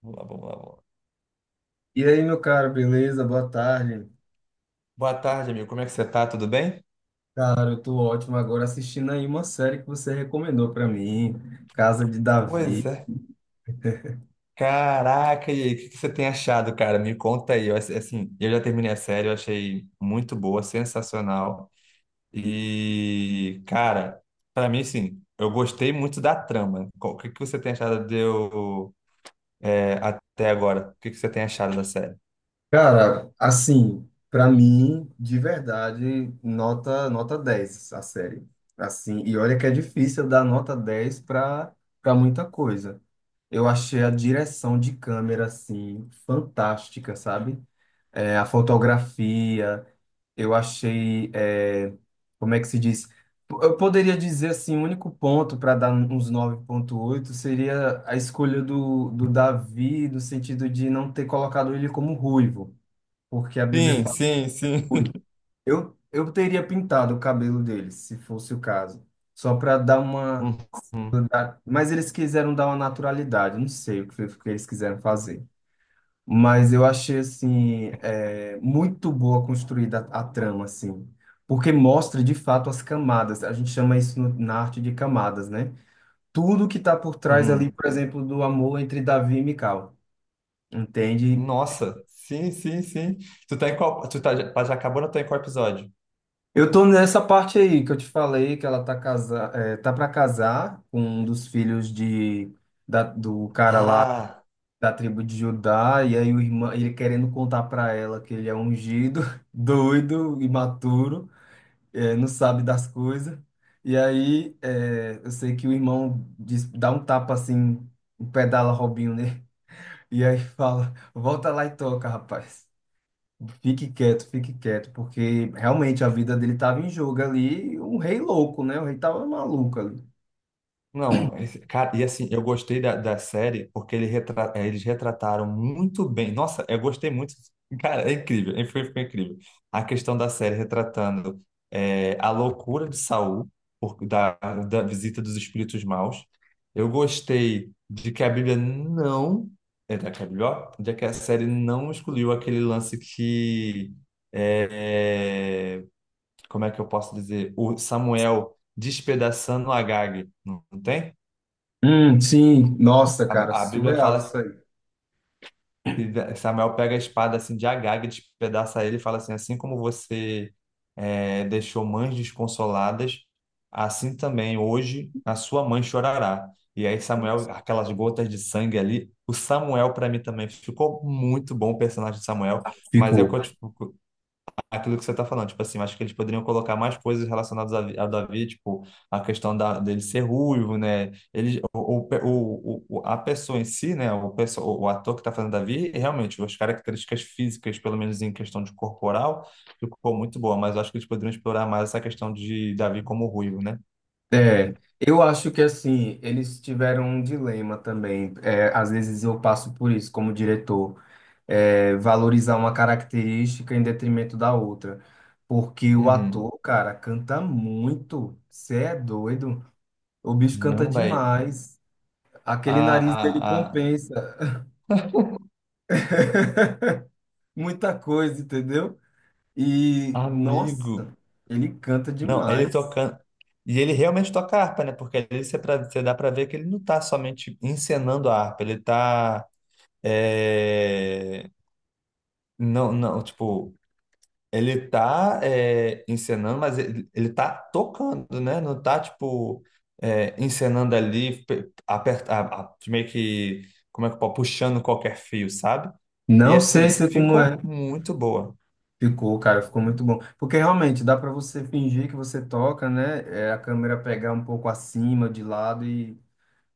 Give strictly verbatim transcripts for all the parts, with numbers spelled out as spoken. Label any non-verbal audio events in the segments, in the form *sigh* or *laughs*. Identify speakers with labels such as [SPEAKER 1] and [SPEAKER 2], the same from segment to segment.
[SPEAKER 1] Vamos lá, vamos lá, vamos lá.
[SPEAKER 2] E aí, meu caro, beleza? Boa tarde.
[SPEAKER 1] Boa tarde, amigo. Como é que você tá? Tudo bem?
[SPEAKER 2] Cara, eu tô ótimo agora assistindo aí uma série que você recomendou pra mim, Casa de
[SPEAKER 1] Pois
[SPEAKER 2] Davi.
[SPEAKER 1] é. Caraca, e aí, o que que você tem achado, cara? Me conta aí. Eu, ass- assim, eu já terminei a série, eu achei muito boa, sensacional. E, cara, pra mim, sim, eu gostei muito da trama. Qual- O que que você tem achado de eu, é, até agora? O que que você tem achado da série?
[SPEAKER 2] Cara, assim, pra mim, de verdade, nota nota dez a série. Assim, e olha que é difícil dar nota dez pra para muita coisa. Eu achei a direção de câmera assim fantástica, sabe? É, a fotografia, eu achei, é, como é que se diz? Eu poderia dizer assim, o único ponto para dar uns nove ponto oito seria a escolha do, do Davi, no sentido de não ter colocado ele como ruivo, porque a Bíblia
[SPEAKER 1] Sim,
[SPEAKER 2] fala
[SPEAKER 1] sim, sim.
[SPEAKER 2] ruivo. Eu, eu teria pintado o cabelo dele, se fosse o caso, só para dar uma.
[SPEAKER 1] *laughs* Uhum,
[SPEAKER 2] dar- Mas eles quiseram dar uma naturalidade, não sei o que foi que eles quiseram fazer, mas eu achei assim é, muito boa construída a, a trama assim, porque mostra de fato as camadas. A gente chama isso no- na arte de camadas, né? Tudo que está por trás ali,
[SPEAKER 1] uhum.
[SPEAKER 2] por exemplo, do amor entre Davi e Mical, entende?
[SPEAKER 1] Nossa, sim, sim, sim. Tu tá em qual? Tu tá, já já acabou, não tá em qual episódio?
[SPEAKER 2] Eu tô nessa parte aí que eu te falei que ela tá casa, é, tá para casar com um dos filhos de da, do cara lá
[SPEAKER 1] Ah.
[SPEAKER 2] da tribo de Judá, e aí o irmão ele querendo contar para ela que ele é ungido, *laughs* doido, imaturo. Eh, não sabe das coisas. E aí, eh, eu sei que o irmão diz, dá um tapa assim, pedala Robinho nele, *laughs* e aí fala: volta lá e toca, rapaz. Fique quieto, fique quieto, porque realmente a vida dele estava em jogo ali, um rei louco, né? O rei tava maluco ali.
[SPEAKER 1] Não, esse- cara, e assim, eu gostei da, da série porque ele retra- eh, eles retrataram muito bem. Nossa, eu gostei muito. Cara, é incrível, é- foi, foi incrível. A questão da série retratando eh, a loucura de Saul, por- da, da visita dos espíritos maus. Eu gostei de que a Bíblia não. É, da que a Bíblia, ó, de que a série não excluiu aquele lance que. eh, Como é que eu posso dizer? O Samuel despedaçando Agag, não não tem?
[SPEAKER 2] Hum, sim, nossa,
[SPEAKER 1] A,
[SPEAKER 2] cara,
[SPEAKER 1] a Bíblia
[SPEAKER 2] surreal
[SPEAKER 1] fala
[SPEAKER 2] isso aí.
[SPEAKER 1] que Samuel pega a espada assim de Agag, despedaça ele e fala assim: assim como você eh, deixou mães desconsoladas, assim também hoje a sua mãe chorará. E aí Samuel, aquelas gotas de sangue ali, o Samuel para mim também ficou muito bom o personagem de Samuel, mas é o
[SPEAKER 2] Ficou.
[SPEAKER 1] que eu, te, aquilo que você está falando, tipo assim, eu acho que eles poderiam colocar mais coisas relacionadas a, Vi- a Davi, tipo, a questão da, dele ser ruivo, né? ele o, o, o, o- A pessoa em si, né? O, perso- o ator que está fazendo Davi, realmente, as características físicas, pelo menos em questão de corporal, ficou muito boa, mas eu acho que eles poderiam explorar mais essa questão de Davi como ruivo, né?
[SPEAKER 2] É, eu acho que assim, eles tiveram um dilema também. É, às vezes eu passo por isso como diretor. É, valorizar uma característica em detrimento da outra. Porque o
[SPEAKER 1] Uhum.
[SPEAKER 2] ator, cara, canta muito. Você é doido? O bicho canta
[SPEAKER 1] Não, velho.
[SPEAKER 2] demais.
[SPEAKER 1] A,
[SPEAKER 2] Aquele nariz dele
[SPEAKER 1] a-
[SPEAKER 2] compensa *laughs* muita coisa, entendeu? E,
[SPEAKER 1] amigo.
[SPEAKER 2] nossa, ele canta
[SPEAKER 1] Não, ele
[SPEAKER 2] demais.
[SPEAKER 1] tocando. E ele realmente toca harpa, né? Porque ali você, pra- você dá pra ver que ele não tá somente encenando a harpa, ele tá. é, Não, não, tipo, ele tá é, encenando, mas ele, ele tá tocando, né? Não tá, tipo, é, encenando ali, pe- aperta, a- a- meio que, como é que pode, puxando qualquer fio, sabe? E
[SPEAKER 2] Não sei
[SPEAKER 1] assim,
[SPEAKER 2] se como é.
[SPEAKER 1] ficou muito boa.
[SPEAKER 2] Ficou, cara, ficou muito bom. Porque realmente dá pra você fingir que você toca, né? É, a câmera pegar um pouco acima, de lado, e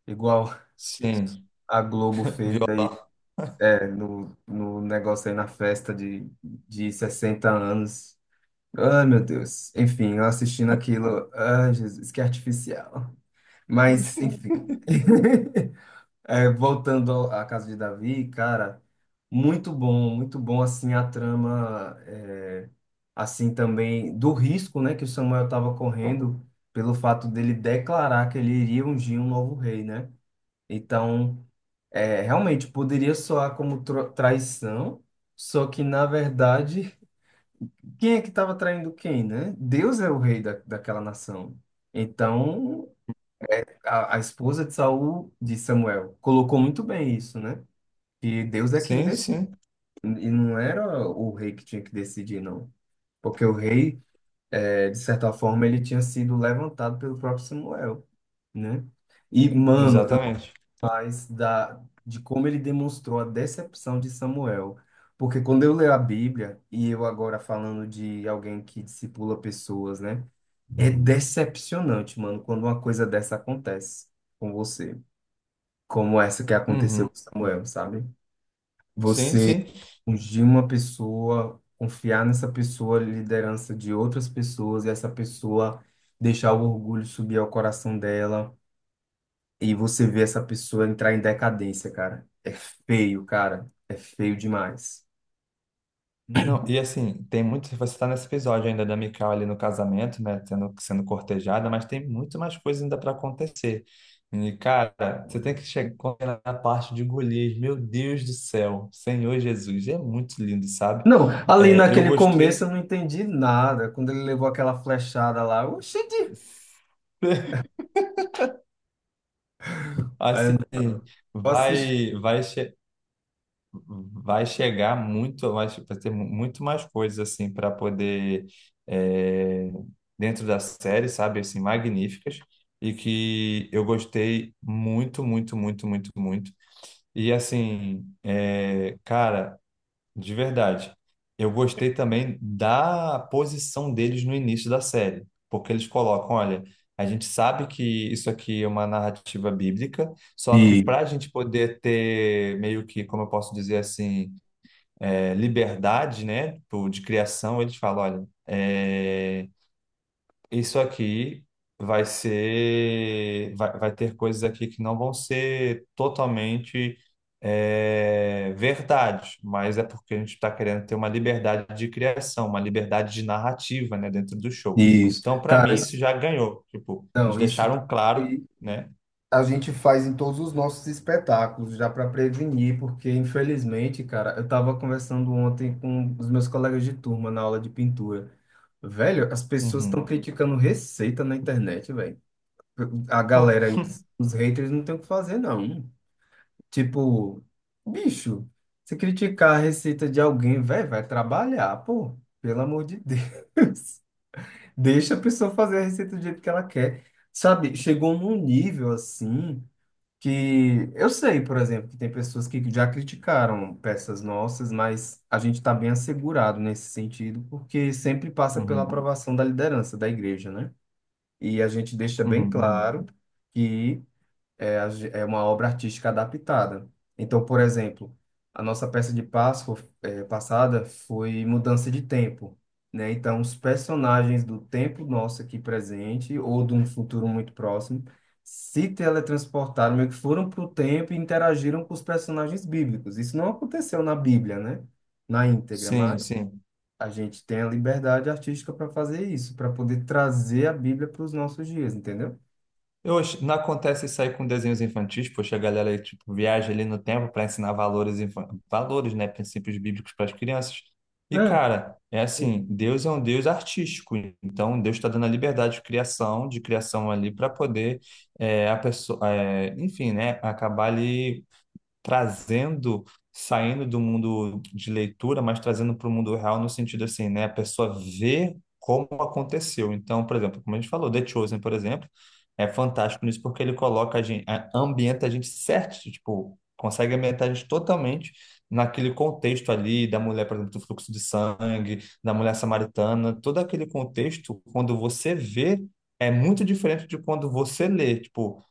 [SPEAKER 2] igual
[SPEAKER 1] Sim,
[SPEAKER 2] a Globo fez
[SPEAKER 1] violão.
[SPEAKER 2] é, no, no negócio aí na festa de, de sessenta anos. Ai, meu Deus. Enfim, eu assistindo aquilo. Ai, Jesus, que artificial. Mas, enfim. *laughs* É, voltando ao- à Casa de Davi, cara, muito bom, muito bom, assim, a trama, é, assim, também, do risco, né, que o Samuel estava correndo pelo fato dele declarar que ele iria ungir um novo rei, né? Então, é, realmente poderia soar como tro- traição, só que na verdade, quem é que estava traindo quem, né? Deus é o rei da, daquela nação. Então, a, a esposa de Saul, de Samuel, colocou muito bem isso, né? Que Deus é quem
[SPEAKER 1] Sim,
[SPEAKER 2] decide,
[SPEAKER 1] sim,
[SPEAKER 2] e não era o rei que tinha que decidir, não. Porque o rei, é, de certa forma, ele tinha sido levantado pelo próprio Samuel, né? E, mano,
[SPEAKER 1] exatamente.
[SPEAKER 2] mais da, de como ele demonstrou a decepção de Samuel. Porque quando eu leio a Bíblia, e eu agora falando de alguém que discipula pessoas, né? É decepcionante, mano, quando uma coisa dessa acontece com você. Como essa que aconteceu
[SPEAKER 1] Uhum.
[SPEAKER 2] com Samuel, sabe?
[SPEAKER 1] Sim,
[SPEAKER 2] Você
[SPEAKER 1] sim.
[SPEAKER 2] ungir uma pessoa, confiar nessa pessoa, liderança de outras pessoas, e essa pessoa deixar o orgulho subir ao coração dela e você vê essa pessoa entrar em decadência, cara. É feio, cara. É feio demais.
[SPEAKER 1] Não, e assim, tem muito. Você está nesse episódio ainda da Mikau ali no casamento, né? Tendo, sendo cortejada, mas tem muito mais coisa ainda para acontecer. E, cara, você tem que chegar na parte de Golias. Meu Deus do céu, Senhor Jesus, é muito lindo, sabe?
[SPEAKER 2] Não, ali
[SPEAKER 1] É, eu
[SPEAKER 2] naquele começo eu
[SPEAKER 1] gostei.
[SPEAKER 2] não entendi nada. Quando ele levou aquela flechada lá, oxi,
[SPEAKER 1] *laughs* Assim,
[SPEAKER 2] eu assisti.
[SPEAKER 1] vai, vai. Vai chegar muito, vai vai ter muito mais coisas assim para poder é, dentro da série, sabe, assim, magníficas e que eu gostei muito, muito, muito, muito, muito. E assim, é, cara, de verdade, eu gostei também da posição deles no início da série, porque eles colocam, olha, a gente sabe que isso aqui é uma narrativa bíblica, só que para
[SPEAKER 2] E-
[SPEAKER 1] a gente poder ter meio que, como eu posso dizer assim é, liberdade, né, tipo, de criação, eles falam, olha, é, isso aqui vai ser, vai, vai ter coisas aqui que não vão ser totalmente é, verdade, mas é porque a gente está querendo ter uma liberdade de criação, uma liberdade de narrativa, né, dentro do show.
[SPEAKER 2] Isso.
[SPEAKER 1] Então, para
[SPEAKER 2] Cara,
[SPEAKER 1] mim, isso
[SPEAKER 2] isso,
[SPEAKER 1] já ganhou. Tipo, eles
[SPEAKER 2] não, isso
[SPEAKER 1] deixaram claro,
[SPEAKER 2] aí
[SPEAKER 1] né?
[SPEAKER 2] a gente faz em todos os nossos espetáculos, já para prevenir, porque infelizmente, cara, eu estava conversando ontem com os meus colegas de turma na aula de pintura. Velho, as pessoas estão
[SPEAKER 1] Uhum.
[SPEAKER 2] criticando receita na internet, velho. A
[SPEAKER 1] Pô.
[SPEAKER 2] galera, os, os haters não tem o que fazer, não. Tipo, bicho, se criticar a receita de alguém, velho, vai trabalhar, pô. Pelo amor de Deus. *laughs* Deixa a pessoa fazer a receita do jeito que ela quer. Sabe, chegou num nível assim que eu sei, por exemplo, que tem pessoas que já criticaram peças nossas, mas a gente está bem assegurado nesse sentido, porque sempre passa pela
[SPEAKER 1] Uhum.
[SPEAKER 2] aprovação da liderança da igreja, né? E a gente deixa bem
[SPEAKER 1] Uhum. Uhum.
[SPEAKER 2] claro que é, a ge- é uma obra artística adaptada. Então, por exemplo, a nossa peça de Páscoa eh, passada foi Mudança de Tempo, né? Então, os personagens do tempo nosso aqui presente ou de um futuro muito próximo se teletransportaram, meio que foram para o tempo e interagiram com os personagens bíblicos. Isso não aconteceu na Bíblia, né? Na íntegra,
[SPEAKER 1] Sim,
[SPEAKER 2] mas
[SPEAKER 1] sim.
[SPEAKER 2] a gente tem a liberdade artística para fazer isso, para poder trazer a Bíblia para os nossos dias, entendeu?
[SPEAKER 1] Eu, acho- não acontece isso aí com desenhos infantis, poxa, a galera tipo, viaja ali no tempo para ensinar valores, infan- valores, né, princípios bíblicos para as crianças. E,
[SPEAKER 2] É.
[SPEAKER 1] cara, é assim, Deus é um Deus artístico, então Deus está dando a liberdade de criação, de criação ali para poder é, a pessoa, é, enfim, né, acabar ali trazendo, saindo do mundo de leitura, mas trazendo para o mundo real no sentido assim, né? A pessoa vê como aconteceu. Então, por exemplo, como a gente falou, The Chosen, por exemplo, é fantástico nisso porque ele coloca a gente, a- ambienta a gente certo, tipo, consegue ambientar a gente totalmente naquele contexto ali da mulher, por exemplo, do fluxo de sangue, da mulher samaritana, todo aquele contexto, quando você vê, é muito diferente de quando você lê, tipo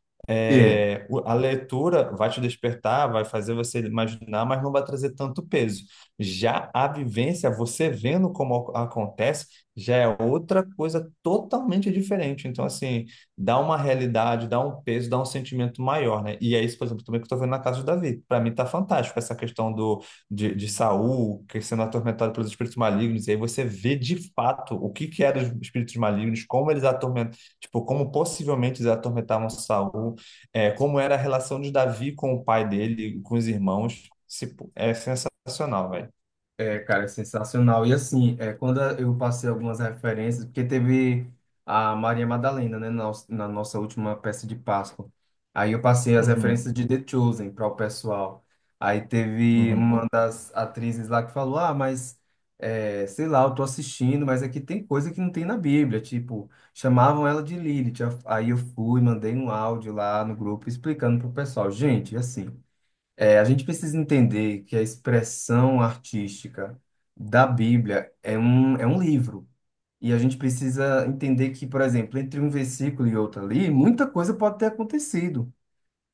[SPEAKER 2] É.
[SPEAKER 1] é, o- a leitura vai te despertar, vai fazer você imaginar, mas não vai trazer tanto peso. Já a vivência, você vendo como ac- acontece, já é outra coisa totalmente diferente. Então, assim, dá uma realidade, dá um peso, dá um sentimento maior, né? E é isso, por exemplo, também que eu tô vendo na casa do Davi. Para mim tá fantástico essa questão do, de, de Saul que sendo atormentado pelos espíritos malignos, e aí você vê de fato o que que eram os espíritos malignos, como eles atormentam, tipo, como possivelmente eles atormentavam Saul é, como era a relação de Davi com o pai dele, com os irmãos, se- é sensacional, velho.
[SPEAKER 2] É, cara, é sensacional. E assim, é, quando eu passei algumas referências, porque teve a Maria Madalena, né, na, na nossa última peça de Páscoa. Aí eu passei as
[SPEAKER 1] Uhum,
[SPEAKER 2] referências de The Chosen para o pessoal. Aí teve
[SPEAKER 1] uhum,
[SPEAKER 2] uma das atrizes lá que falou: Ah, mas é, sei lá, eu tô assistindo, mas aqui tem coisa que não tem na Bíblia. Tipo, chamavam ela de Lilith. Aí eu fui, mandei um áudio lá no grupo explicando pro pessoal: Gente, assim. É, a gente precisa entender que a expressão artística da Bíblia é um, é um livro. E a gente precisa entender que, por exemplo, entre um versículo e outro ali, muita coisa pode ter acontecido.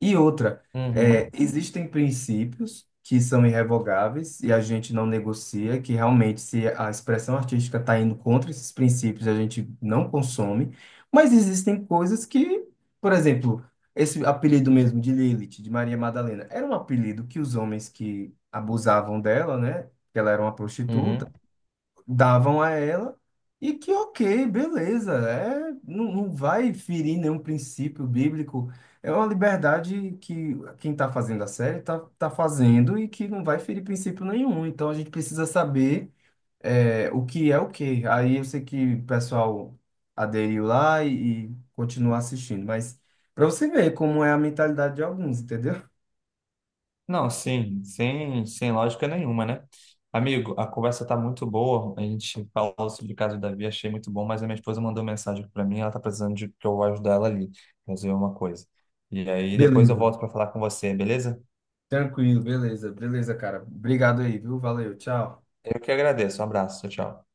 [SPEAKER 2] E outra, é,
[SPEAKER 1] uhum,
[SPEAKER 2] existem princípios que são irrevogáveis e a gente não negocia, que realmente, se a expressão artística está indo contra esses princípios, a gente não consome, mas existem coisas que, por exemplo, esse apelido mesmo de Lilith, de Maria Madalena, era um apelido que os homens que abusavam dela, né? Que ela era uma
[SPEAKER 1] uhum.
[SPEAKER 2] prostituta, davam a ela e que ok, beleza, é, não, não vai ferir nenhum princípio bíblico. É uma liberdade que quem está fazendo a série está tá tá fazendo e que não vai ferir princípio nenhum. Então a gente precisa saber é, o que é o que. Aí eu sei que o pessoal aderiu lá e, e continua assistindo, mas para você ver como é a mentalidade de alguns, entendeu?
[SPEAKER 1] Não, sim, sem, sem lógica nenhuma, né? Amigo, a conversa tá muito boa. A gente falou sobre o caso do Davi, achei muito bom, mas a minha esposa mandou mensagem para mim, ela tá precisando de que eu vou ajudar ela ali, fazer uma coisa. E aí depois eu
[SPEAKER 2] Beleza.
[SPEAKER 1] volto para falar com você, beleza?
[SPEAKER 2] Tranquilo, beleza, beleza, cara. Obrigado aí, viu? Valeu, tchau.
[SPEAKER 1] Eu que agradeço. Um abraço, tchau, tchau.